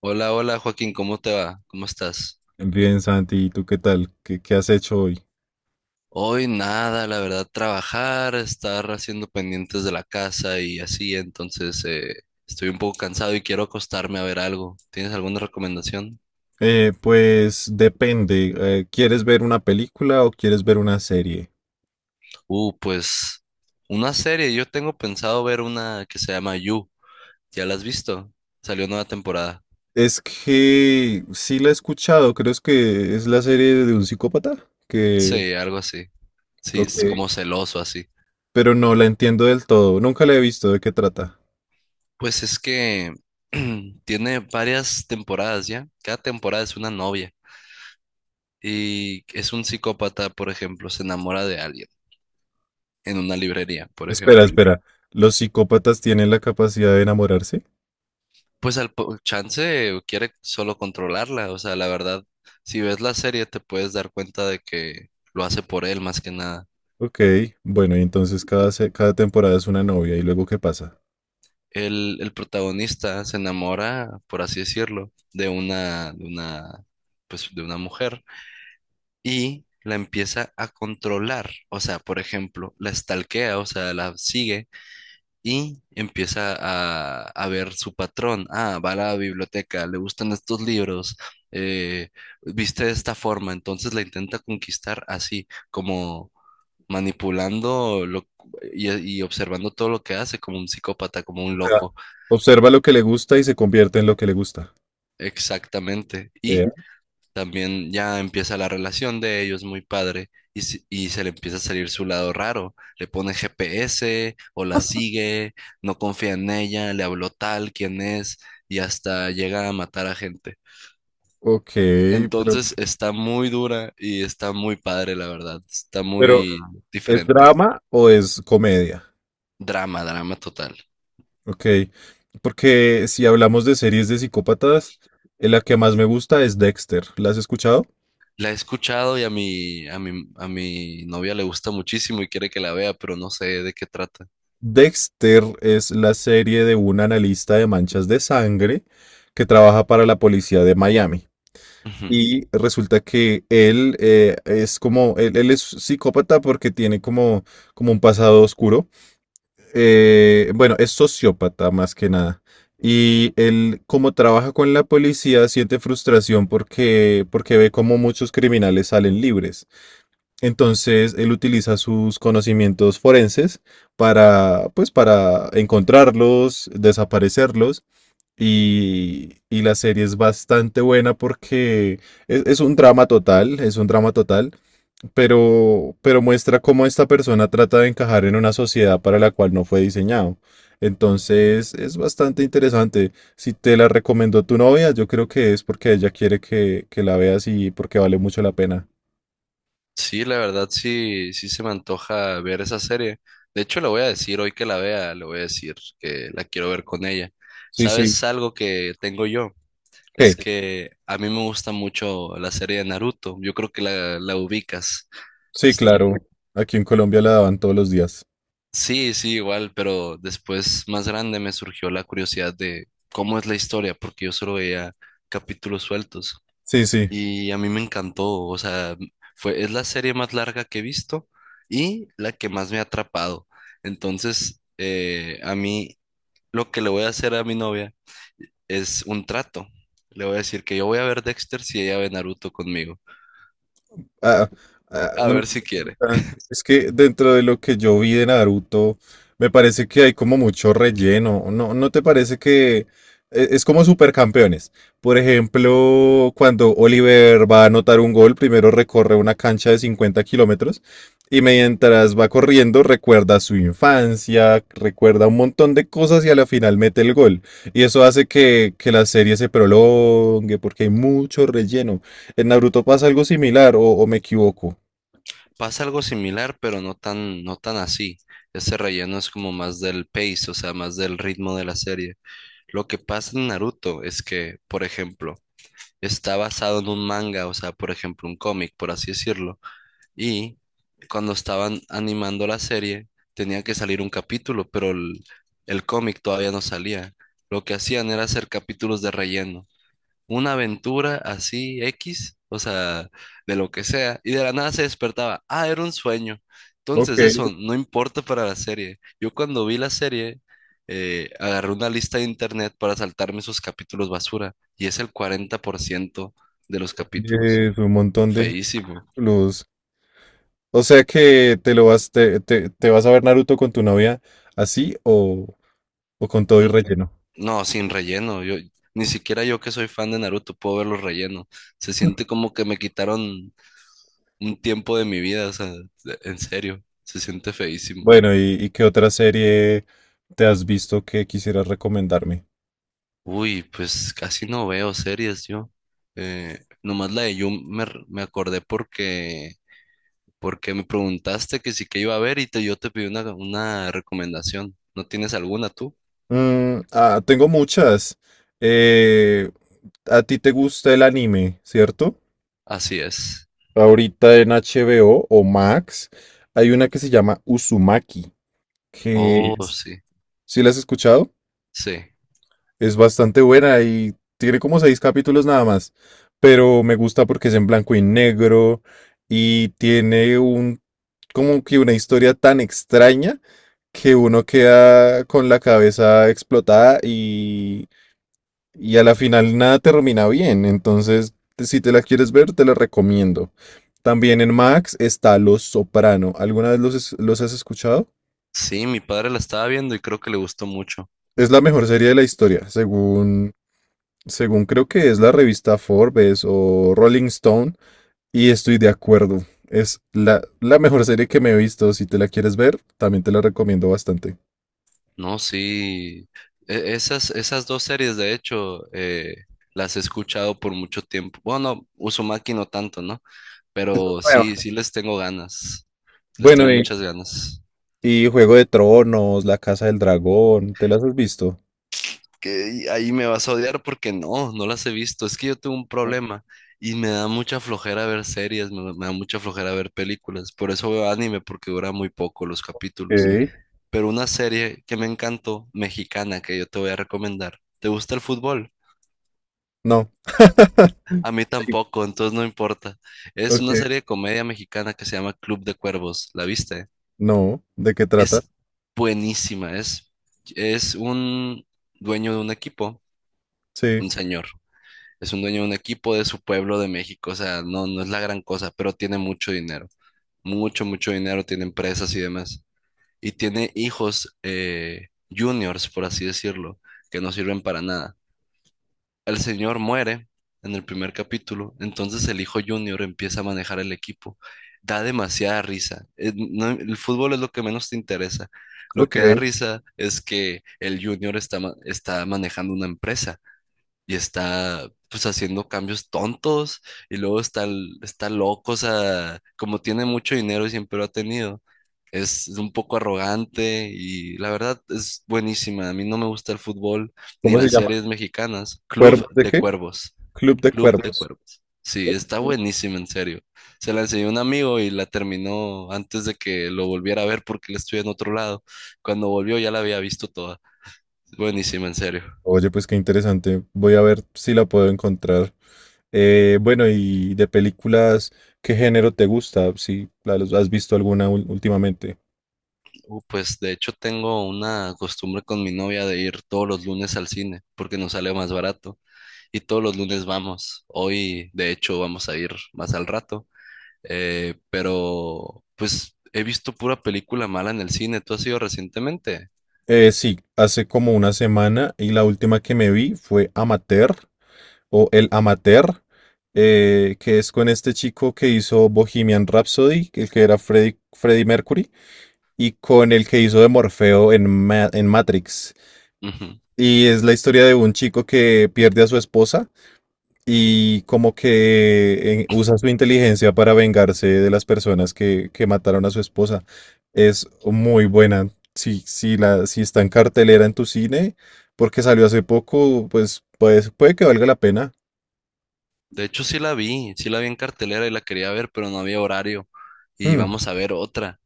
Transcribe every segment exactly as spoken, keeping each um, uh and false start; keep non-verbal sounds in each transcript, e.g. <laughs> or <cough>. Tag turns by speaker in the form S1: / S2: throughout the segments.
S1: Hola, hola Joaquín, ¿cómo te va? ¿Cómo estás?
S2: Bien, Santi, ¿y tú qué tal? ¿Qué, qué has hecho hoy?
S1: Hoy nada, la verdad, trabajar, estar haciendo pendientes de la casa y así, entonces eh, estoy un poco cansado y quiero acostarme a ver algo. ¿Tienes alguna recomendación?
S2: Eh, pues depende. Eh, ¿quieres ver una película o quieres ver una serie?
S1: Uh, pues una serie, yo tengo pensado ver una que se llama You, ¿ya la has visto? Salió nueva temporada.
S2: Es que sí la he escuchado, creo es que es la serie de un psicópata, que,
S1: Sí, algo así. Sí,
S2: ok,
S1: es como celoso así.
S2: pero no la entiendo del todo, nunca la he visto, ¿de qué trata?
S1: Pues es que <clears throat> tiene varias temporadas ya, cada temporada es una novia. Y es un psicópata, por ejemplo, se enamora de alguien en una librería, por
S2: Espera,
S1: ejemplo.
S2: espera, ¿los psicópatas tienen la capacidad de enamorarse?
S1: Pues al po- chance quiere solo controlarla, o sea, la verdad, si ves la serie te puedes dar cuenta de que lo hace por él más que nada.
S2: Ok, bueno, y entonces cada, se- cada temporada es una novia, ¿y luego qué pasa?
S1: El, el protagonista se enamora, por así decirlo, de una, de una, pues de una mujer y la empieza a controlar, o sea, por ejemplo, la stalkea, o sea, la sigue y empieza a, a ver su patrón. Ah, va a la biblioteca, le gustan estos libros, eh, viste de esta forma, entonces la intenta conquistar así, como manipulando lo, y, y observando todo lo que hace, como un psicópata, como un
S2: O sea,
S1: loco,
S2: observa lo que le gusta y se convierte en lo que le gusta.
S1: exactamente. Y también ya empieza la relación de ellos muy padre y, si- y se le empieza a salir su lado raro. Le pone G P S o la sigue, no confía en ella, le habló tal, quién es y hasta llega a matar a gente.
S2: Ok, pero,
S1: Entonces está muy dura y está muy padre, la verdad. Está
S2: pero
S1: muy
S2: ¿es
S1: diferente.
S2: drama o es comedia?
S1: Drama, drama total.
S2: Ok, porque si hablamos de series de psicópatas, eh, la que más me gusta es Dexter. ¿La has escuchado?
S1: La he escuchado y a mi, a mi, a mi novia le gusta muchísimo y quiere que la vea, pero no sé de qué trata.
S2: Dexter es la serie de un analista de manchas de sangre que trabaja para la policía de Miami.
S1: Ujú.
S2: Y resulta que él eh, es como, él, él es psicópata porque tiene como, como un pasado oscuro. eh, bueno, es sociópata más que nada. Y él, como trabaja con la policía, siente frustración porque, porque ve cómo muchos criminales salen libres. Entonces, él utiliza sus conocimientos forenses para, pues, para encontrarlos, desaparecerlos. Y, y la serie es bastante buena porque es, es un drama total, es un drama total, pero, pero muestra cómo esta persona trata de encajar en una sociedad para la cual no fue diseñado. Entonces es bastante interesante. Si te la recomendó tu novia, yo creo que es porque ella quiere que, que la veas y porque vale mucho la pena.
S1: Sí, la verdad sí, sí se me antoja ver esa serie. De hecho, le voy a decir hoy que la vea, le voy a decir que la quiero ver con ella.
S2: Sí, sí.
S1: ¿Sabes algo que tengo yo?
S2: ¿Qué?
S1: Es que a mí me gusta mucho la serie de Naruto. Yo creo que la, la ubicas.
S2: Sí, claro.
S1: Este,
S2: Aquí en Colombia la daban todos los días.
S1: sí, sí, igual, pero después más grande me surgió la curiosidad de cómo es la historia, porque yo solo veía capítulos sueltos.
S2: Sí, sí.
S1: Y a mí me encantó, o sea, fue, es la serie más larga que he visto y la que más me ha atrapado. Entonces, eh, a mí lo que le voy a hacer a mi novia es un trato. Le voy a decir que yo voy a ver Dexter si ella ve Naruto conmigo.
S2: Ah, ah,
S1: A
S2: una
S1: ver si quiere.
S2: pregunta. Es que dentro de lo que yo vi de Naruto, me parece que hay como mucho relleno. ¿No, no te parece que e- es como supercampeones? Por ejemplo, cuando Oliver va a anotar un gol, primero recorre una cancha de cincuenta kilómetros y mientras va corriendo recuerda su infancia, recuerda un montón de cosas y a la final mete el gol. Y eso hace que, que la serie se prolongue porque hay mucho relleno. En Naruto pasa algo similar, o, o me equivoco.
S1: Pasa algo similar, pero no tan, no tan así. Ese relleno es como más del pace, o sea, más del ritmo de la serie. Lo que pasa en Naruto es que, por ejemplo, está basado en un manga, o sea, por ejemplo, un cómic, por así decirlo. Y cuando estaban animando la serie, tenía que salir un capítulo, pero el, el cómic todavía no salía. Lo que hacían era hacer capítulos de relleno, una aventura así X, o sea, de lo que sea, y de la nada se despertaba, ah, era un sueño.
S2: Ok,
S1: Entonces eso no importa para la serie. Yo cuando vi la serie, eh, agarré una lista de internet para saltarme esos capítulos basura, y es el cuarenta por ciento de los capítulos.
S2: eh, un montón de
S1: Feísimo.
S2: luz. O sea que te lo vas, te, te- te vas a ver Naruto con tu novia así o, o con todo y
S1: N-
S2: relleno.
S1: No, sin relleno. Yo, ni siquiera yo que soy fan de Naruto puedo verlos relleno. Se siente como que me quitaron un tiempo de mi vida, o sea, en serio, se siente feísimo.
S2: Bueno, ¿y, y qué otra serie te has visto que quisieras recomendarme?
S1: Uy, pues casi no veo series yo. Eh, nomás la de You me, r- me acordé porque, porque me preguntaste que sí que iba a ver y te, yo te pedí una, una recomendación. ¿No tienes alguna tú?
S2: Mm, ah, tengo muchas. Eh, a ti te gusta el anime, ¿cierto?
S1: Así es.
S2: Ahorita en HBO o o Max hay una que se llama Uzumaki, que...
S1: Oh,
S2: Sí.
S1: sí,
S2: ¿Sí la has escuchado?
S1: sí.
S2: Es bastante buena y tiene como seis capítulos nada más, pero me gusta porque es en blanco y negro y tiene un como que una historia tan extraña que uno queda con la cabeza explotada y, y a la final nada termina bien. Entonces, si te la quieres ver, te la recomiendo. También en Max está Los Soprano. ¿Alguna vez los, es- los has escuchado?
S1: Sí, mi padre la estaba viendo y creo que le gustó mucho.
S2: Es la mejor serie de la historia, según según creo que es la revista Forbes o Rolling Stone, y estoy de acuerdo. Es la, la mejor serie que me he visto. Si te la quieres ver, también te la recomiendo bastante.
S1: No, sí. E- esas, esas dos series, de hecho, eh, las he escuchado por mucho tiempo. Bueno, Uzumaki no tanto, ¿no?
S2: Eso es
S1: Pero sí,
S2: nuevo.
S1: sí les tengo ganas. Les
S2: Bueno,
S1: tengo
S2: y,
S1: muchas ganas.
S2: y Juego de Tronos, La Casa del Dragón, ¿te las has visto?
S1: Que y ahí me vas a odiar porque no, no las he visto. Es que yo tengo un
S2: Ok,
S1: problema y me da mucha flojera ver series, me, me da mucha flojera ver películas. Por eso veo anime porque dura muy poco los capítulos. Pero una serie que me encantó, mexicana, que yo te voy a recomendar. ¿Te gusta el fútbol?
S2: no,
S1: A mí
S2: sí.
S1: tampoco, entonces no importa. Es una
S2: Ok.
S1: serie de comedia mexicana que se llama Club de Cuervos. ¿La viste?
S2: No. ¿De qué trata?
S1: Es buenísima, es, es un dueño de un equipo,
S2: Sí,
S1: un señor. Es un dueño de un equipo de su pueblo de México, o sea, no, no es la gran cosa, pero tiene mucho dinero, mucho, mucho dinero, tiene empresas y demás. Y tiene hijos, eh, juniors, por así decirlo, que no sirven para nada. El señor muere en el primer capítulo, entonces el hijo Junior empieza a manejar el equipo. Da demasiada risa. Eh, no- El, fútbol es lo que menos te interesa. Lo
S2: ok.
S1: que da risa es que el Junior está, ma- está manejando una empresa y está pues haciendo cambios tontos y luego está, l- está loco, o sea, como tiene mucho dinero y siempre lo ha tenido, es, es un poco arrogante y la verdad es buenísima. A mí no me gusta el fútbol ni
S2: ¿Cómo se
S1: las
S2: llama?
S1: series mexicanas. Club
S2: ¿Cuervos de
S1: de
S2: qué?
S1: Cuervos,
S2: Club de
S1: Club de
S2: Cuervos.
S1: Cuervos. Sí, está buenísima, en serio. Se la enseñó un amigo y la terminó antes de que lo volviera a ver porque él estuve en otro lado. Cuando volvió ya la había visto toda. Buenísima, en serio.
S2: Oye, pues qué interesante. Voy a ver si la puedo encontrar. Eh, bueno, y de películas, ¿qué género te gusta? Si la- los- has visto alguna ul- últimamente.
S1: Uh, pues de hecho tengo una costumbre con mi novia de ir todos los lunes al cine porque nos sale más barato y todos los lunes vamos. Hoy de hecho vamos a ir más al rato, eh, pero pues he visto pura película mala en el cine. ¿Tú has ido recientemente?
S2: Eh, sí, hace como una semana y la última que me vi fue Amateur o El Amateur, eh, que es con este chico que hizo Bohemian Rhapsody, que- el que era Freddie, Freddie Mercury, y con el que hizo de Morfeo en Ma- en Matrix.
S1: Ujú.
S2: Y es la historia de un chico que pierde a su esposa y como que eh, usa su inteligencia para vengarse de las personas que, que mataron a su esposa. Es muy buena. Si, si, la, si está en cartelera en tu cine, porque salió hace poco, pues, pues puede que valga la pena.
S1: De hecho sí la vi, sí la vi en cartelera y la quería ver, pero no había horario y
S2: Hmm,
S1: vamos a ver otra.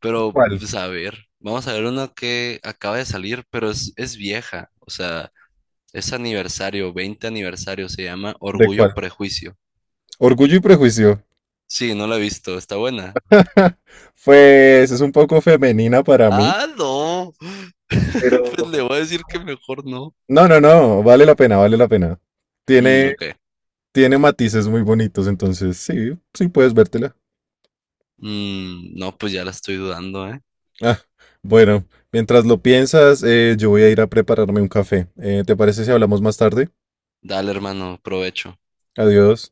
S1: Pero
S2: ¿cuál?
S1: pues a ver, vamos a ver una que acaba de salir, pero es, es vieja, o sea... Es aniversario, veinte aniversario, se llama
S2: ¿De
S1: Orgullo
S2: cuál?
S1: Prejuicio.
S2: Orgullo y prejuicio.
S1: Sí, no la he visto, está buena.
S2: <laughs> Pues es un poco femenina para mí,
S1: Ah, no. <laughs>
S2: pero...
S1: Pues le voy a decir que mejor no.
S2: No, no, no, vale la pena, vale la pena.
S1: Mm,
S2: Tiene,
S1: ok.
S2: Tiene matices muy bonitos, entonces sí, sí puedes vértela.
S1: Mm, no, pues ya la estoy dudando, ¿eh?
S2: Ah, bueno, mientras lo piensas, eh, yo voy a ir a prepararme un café. Eh, ¿te parece si hablamos más tarde?
S1: Dale, hermano, provecho.
S2: Adiós.